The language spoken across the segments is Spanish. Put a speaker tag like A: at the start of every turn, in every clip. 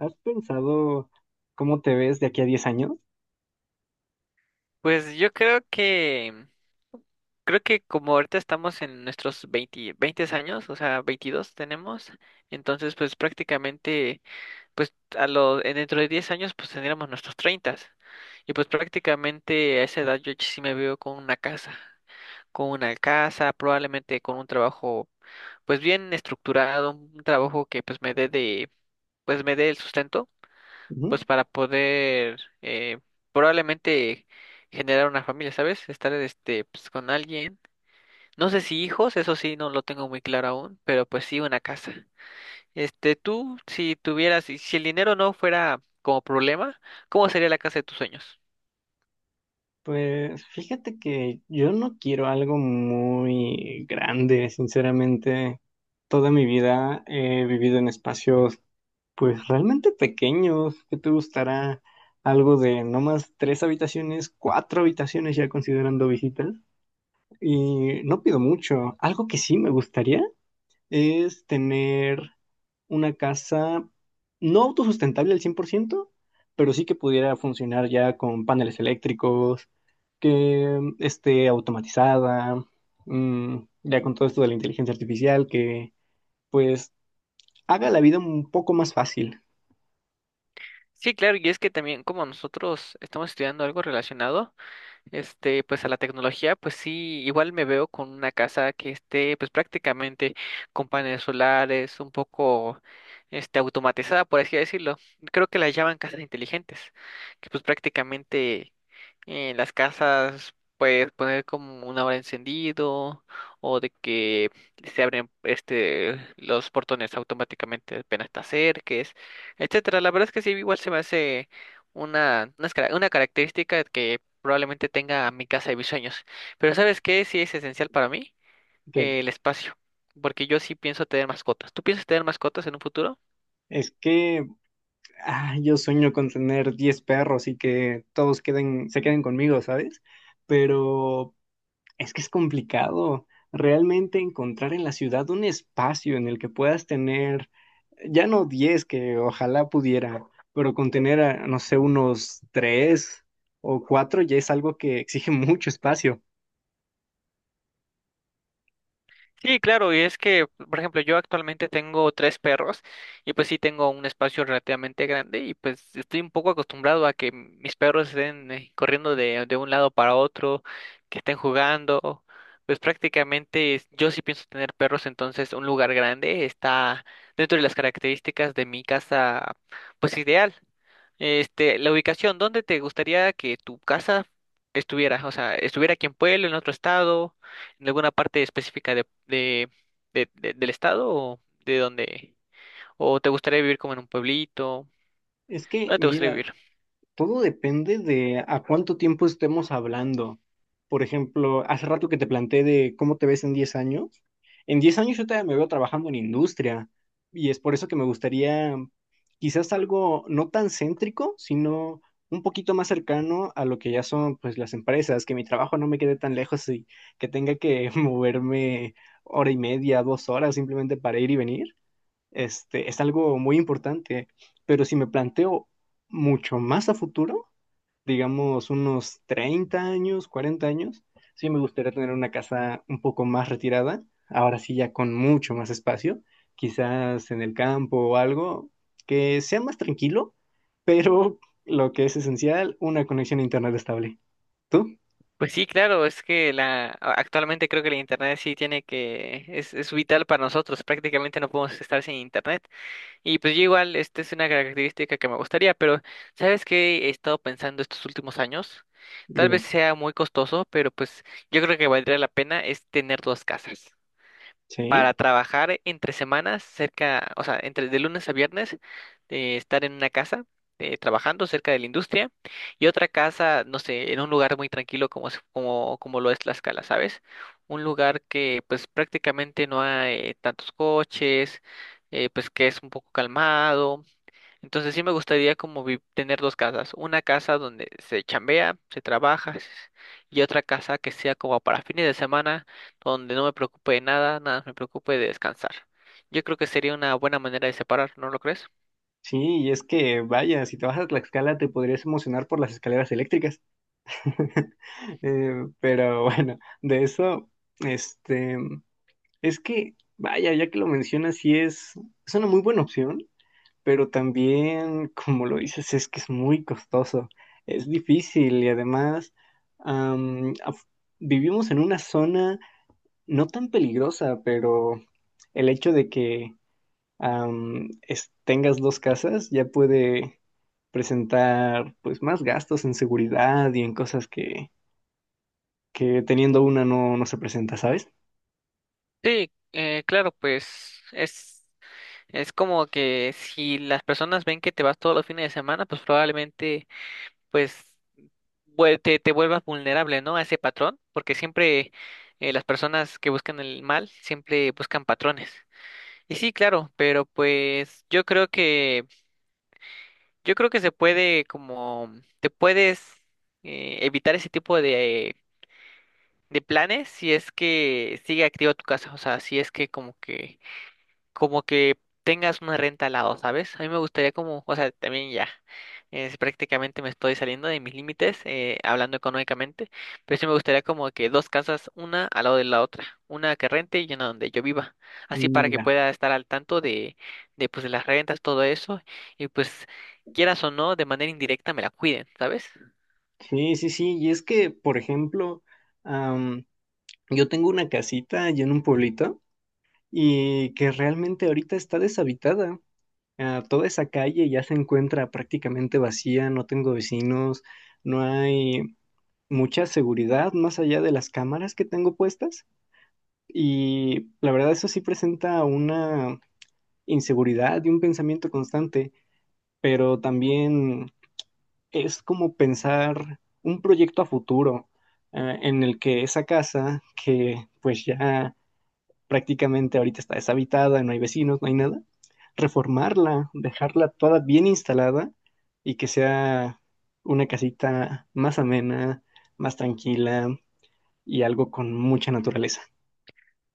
A: ¿Has pensado cómo te ves de aquí a 10 años?
B: Pues yo creo que como ahorita estamos en nuestros 20, 20 años, o sea, 22 tenemos, entonces pues prácticamente, pues dentro de 10 años pues tendríamos nuestros 30. Y pues prácticamente a esa edad yo sí me veo con una casa, probablemente con un trabajo pues bien estructurado, un trabajo que pues pues me dé el sustento
A: Ujú.
B: pues para poder probablemente generar una familia, ¿sabes? Estar pues con alguien. No sé si hijos, eso sí no lo tengo muy claro aún, pero pues sí una casa. Tú si tuvieras si si el dinero no fuera como problema, ¿cómo sería la casa de tus sueños?
A: Pues fíjate que yo no quiero algo muy grande, sinceramente. Toda mi vida he vivido en espacios pues realmente pequeños. ¿Qué te gustará algo de no más tres habitaciones, cuatro habitaciones ya considerando visitas? Y no pido mucho. Algo que sí me gustaría es tener una casa no autosustentable al 100%, pero sí que pudiera funcionar ya con paneles eléctricos, que esté automatizada, ya con todo esto de la inteligencia artificial, que pues haga la vida un poco más fácil.
B: Sí, claro, y es que también como nosotros estamos estudiando algo relacionado pues a la tecnología, pues sí, igual me veo con una casa que esté pues prácticamente con paneles solares, un poco automatizada, por así decirlo. Creo que la llaman casas inteligentes, que pues prácticamente en las casas puedes poner como una hora encendido o de que se abren los portones automáticamente apenas te acerques, etcétera. La verdad es que sí, igual se me hace una característica que probablemente tenga mi casa de mis sueños. Pero ¿sabes qué? Sí es esencial para mí
A: ¿Qué?
B: el espacio, porque yo sí pienso tener mascotas. ¿Tú piensas tener mascotas en un futuro?
A: Es que yo sueño con tener 10 perros y que todos queden, se queden conmigo, ¿sabes? Pero es que es complicado realmente encontrar en la ciudad un espacio en el que puedas tener, ya no 10, que ojalá pudiera, pero con tener, no sé, unos 3 o 4 ya es algo que exige mucho espacio.
B: Sí, claro, y es que, por ejemplo, yo actualmente tengo tres perros y pues sí tengo un espacio relativamente grande y pues estoy un poco acostumbrado a que mis perros estén corriendo de un lado para otro, que estén jugando, pues prácticamente yo sí pienso tener perros, entonces un lugar grande está dentro de las características de mi casa, pues ideal. La ubicación, ¿dónde te gustaría que tu casa estuviera? O sea, estuviera aquí en Pueblo, en otro estado en alguna parte específica del estado o de dónde? ¿O te gustaría vivir como en un pueblito?
A: Es que,
B: ¿Dónde te gustaría
A: mira,
B: vivir?
A: todo depende de a cuánto tiempo estemos hablando. Por ejemplo, hace rato que te planteé de cómo te ves en 10 años. En 10 años yo todavía me veo trabajando en industria y es por eso que me gustaría quizás algo no tan céntrico, sino un poquito más cercano a lo que ya son pues las empresas, que mi trabajo no me quede tan lejos y que tenga que moverme hora y media, 2 horas simplemente para ir y venir, es algo muy importante. Pero si me planteo mucho más a futuro, digamos unos 30 años, 40 años, sí me gustaría tener una casa un poco más retirada, ahora sí ya con mucho más espacio, quizás en el campo o algo, que sea más tranquilo, pero lo que es esencial, una conexión a internet estable. ¿Tú?
B: Pues sí, claro, es que actualmente creo que la internet sí tiene que es vital para nosotros, prácticamente no podemos estar sin internet. Y pues yo igual esta es una característica que me gustaría, pero ¿sabes qué he estado pensando estos últimos años? Tal vez
A: Dime.
B: sea muy costoso, pero pues yo creo que valdría la pena es tener dos casas. Para
A: Sí,
B: trabajar entre semanas cerca, o sea, entre de lunes a viernes, estar en una casa trabajando cerca de la industria y otra casa, no sé, en un lugar muy tranquilo como lo es Tlaxcala, ¿sabes? Un lugar que pues prácticamente no hay tantos coches, pues que es un poco calmado. Entonces sí me gustaría como tener dos casas, una casa donde se chambea, se trabaja y otra casa que sea como para fines de semana, donde no me preocupe de nada, nada más me preocupe de descansar. Yo creo que sería una buena manera de separar, ¿no lo crees?
A: sí, y es que vaya, si te vas a Tlaxcala te podrías emocionar por las escaleras eléctricas. Eh, pero bueno, de eso, este, es que, vaya, ya que lo mencionas, sí es una muy buena opción, pero también, como lo dices, es que es muy costoso, es difícil y además am, af- vivimos en una zona no tan peligrosa, pero el hecho de que tengas dos casas ya puede presentar pues más gastos en seguridad y en cosas que teniendo una no, no se presenta, ¿sabes?
B: Sí, claro, pues es como que si las personas ven que te vas todos los fines de semana, pues probablemente pues te vuelvas vulnerable, ¿no? A ese patrón, porque siempre las personas que buscan el mal siempre buscan patrones. Y sí, claro, pero pues yo creo que se puede como te puedes evitar ese tipo de planes si es que sigue activo tu casa, o sea, si es que como que tengas una renta al lado, ¿sabes? A mí me gustaría como, o sea, también ya, prácticamente me estoy saliendo de mis límites, hablando económicamente, pero sí me gustaría como que dos casas, una al lado de la otra, una que rente y una donde yo viva, así para
A: Mm,
B: que
A: ya.
B: pueda estar al tanto de las rentas, todo eso, y pues quieras o no, de manera indirecta me la cuiden, ¿sabes?
A: Sí, sí, sí. Y es que, por ejemplo, am, yo tengo una casita allá en un pueblito y que realmente ahorita está deshabitada. Ah, toda esa calle ya se encuentra prácticamente vacía, no tengo vecinos, no hay mucha seguridad más allá de las cámaras que tengo puestas. Y la verdad eso sí presenta una inseguridad y un pensamiento constante, pero también es como pensar un proyecto a futuro, en el que esa casa, que pues ya prácticamente ahorita está deshabitada, no hay vecinos, no hay nada, reformarla, dejarla toda bien instalada y que sea una casita más amena, más tranquila y algo con mucha naturaleza.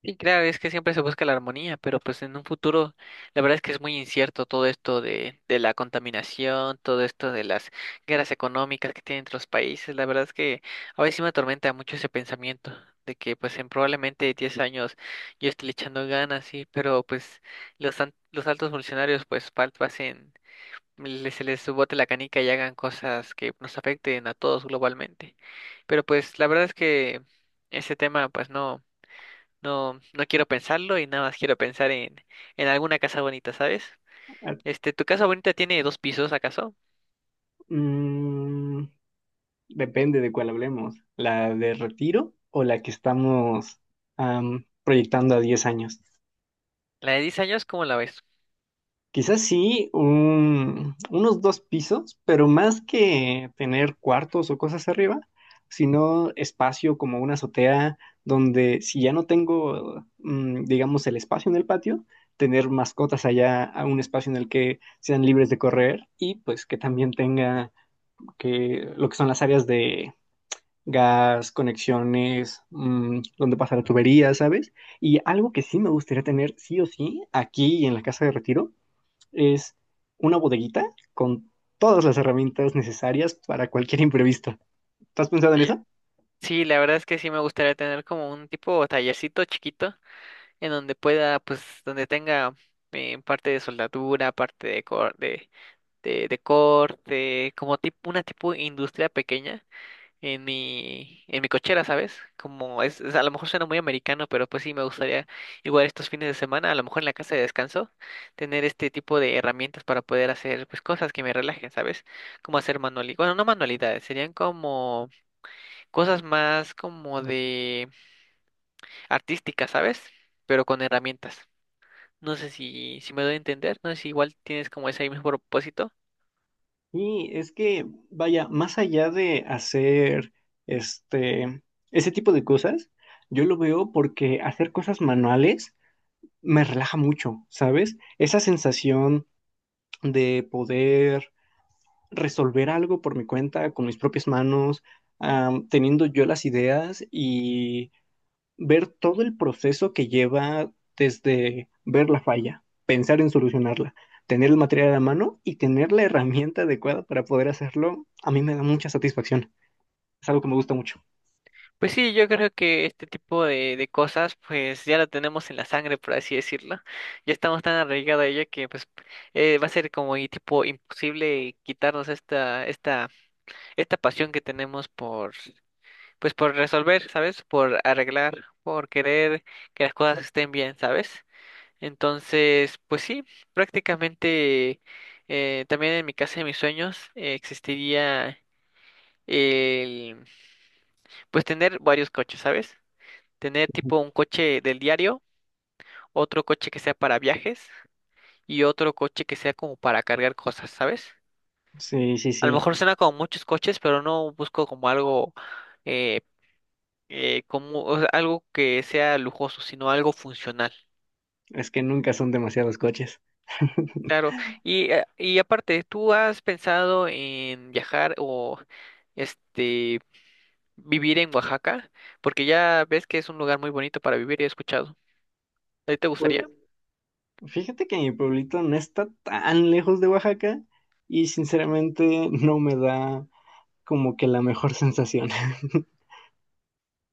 B: Y claro, es que siempre se busca la armonía, pero pues en un futuro, la verdad es que es muy incierto todo esto de la contaminación, todo esto de las guerras económicas que tienen entre los países, la verdad es que a veces sí me atormenta mucho ese pensamiento de que pues en probablemente 10 años yo esté le echando ganas, sí, pero pues los altos funcionarios pues pasen, se les bote la canica y hagan cosas que nos afecten a todos globalmente. Pero pues la verdad es que ese tema pues no. No, no quiero pensarlo y nada más quiero pensar en alguna casa bonita, ¿sabes?
A: Ah,
B: ¿Tu casa bonita tiene dos pisos, acaso?
A: mm, Depende de cuál hablemos, la de retiro o la que estamos proyectando a 10 años.
B: La de 10 años, ¿cómo la ves?
A: Quizás sí, unos dos pisos, pero más que tener cuartos o cosas arriba, sino espacio como una azotea donde si ya no tengo, digamos, el espacio en el patio, tener mascotas allá a un espacio en el que sean libres de correr y pues que también tenga que lo que son las áreas de gas, conexiones, donde pasa la tubería, ¿sabes? Y algo que sí me gustaría tener sí o sí aquí en la casa de retiro es una bodeguita con todas las herramientas necesarias para cualquier imprevisto. ¿Estás pensado en
B: Eh,
A: eso?
B: Sí, la verdad es que sí me gustaría tener como un tipo tallercito chiquito en donde pueda, pues, donde tenga parte de soldadura, parte de corte, como tipo, una tipo industria pequeña en mi cochera, ¿sabes? Como a lo mejor suena muy americano, pero pues sí me gustaría igual estos fines de semana, a lo mejor en la casa de descanso, tener este tipo de herramientas para poder hacer pues cosas que me relajen, ¿sabes? Como hacer manualidades, bueno, no manualidades, serían como cosas más como de artísticas, ¿sabes? Pero con herramientas. No sé si me doy a entender, no sé si igual tienes como ese mismo propósito.
A: Y es que, vaya, más allá de hacer este, ese tipo de cosas, yo lo veo porque hacer cosas manuales me relaja mucho, ¿sabes? Esa sensación de poder resolver algo por mi cuenta, con mis propias manos, teniendo yo las ideas y ver todo el proceso que lleva desde ver la falla, pensar en solucionarla, tener el material a la mano y tener la herramienta adecuada para poder hacerlo, a mí me da mucha satisfacción. Es algo que me gusta mucho.
B: Pues sí, yo creo que este tipo de cosas pues ya lo tenemos en la sangre, por así decirlo. Ya estamos tan arraigados a ello que pues va a ser como y tipo imposible quitarnos esta pasión que tenemos por pues por resolver, ¿sabes? Por arreglar, por querer que las cosas estén bien, ¿sabes? Entonces, pues sí, prácticamente también en mi casa de mis sueños existiría el pues tener varios coches, ¿sabes? Tener
A: Ujú.
B: tipo un coche del diario, otro coche que sea para viajes y otro coche que sea como para cargar cosas, ¿sabes?
A: Sí, sí,
B: A lo
A: sí.
B: mejor
A: Es
B: suena como muchos coches, pero no busco como algo eh, como o sea, algo que sea lujoso, sino algo funcional.
A: es que nunca son demasiados coches.
B: Claro. Y aparte, ¿tú has pensado en viajar o este vivir en Oaxaca? Porque ya ves que es un lugar muy bonito para vivir, he escuchado. ¿A ti te gustaría?
A: Pues fíjate que mi pueblito no está tan lejos de Oaxaca y sinceramente no me da como que la mejor sensación.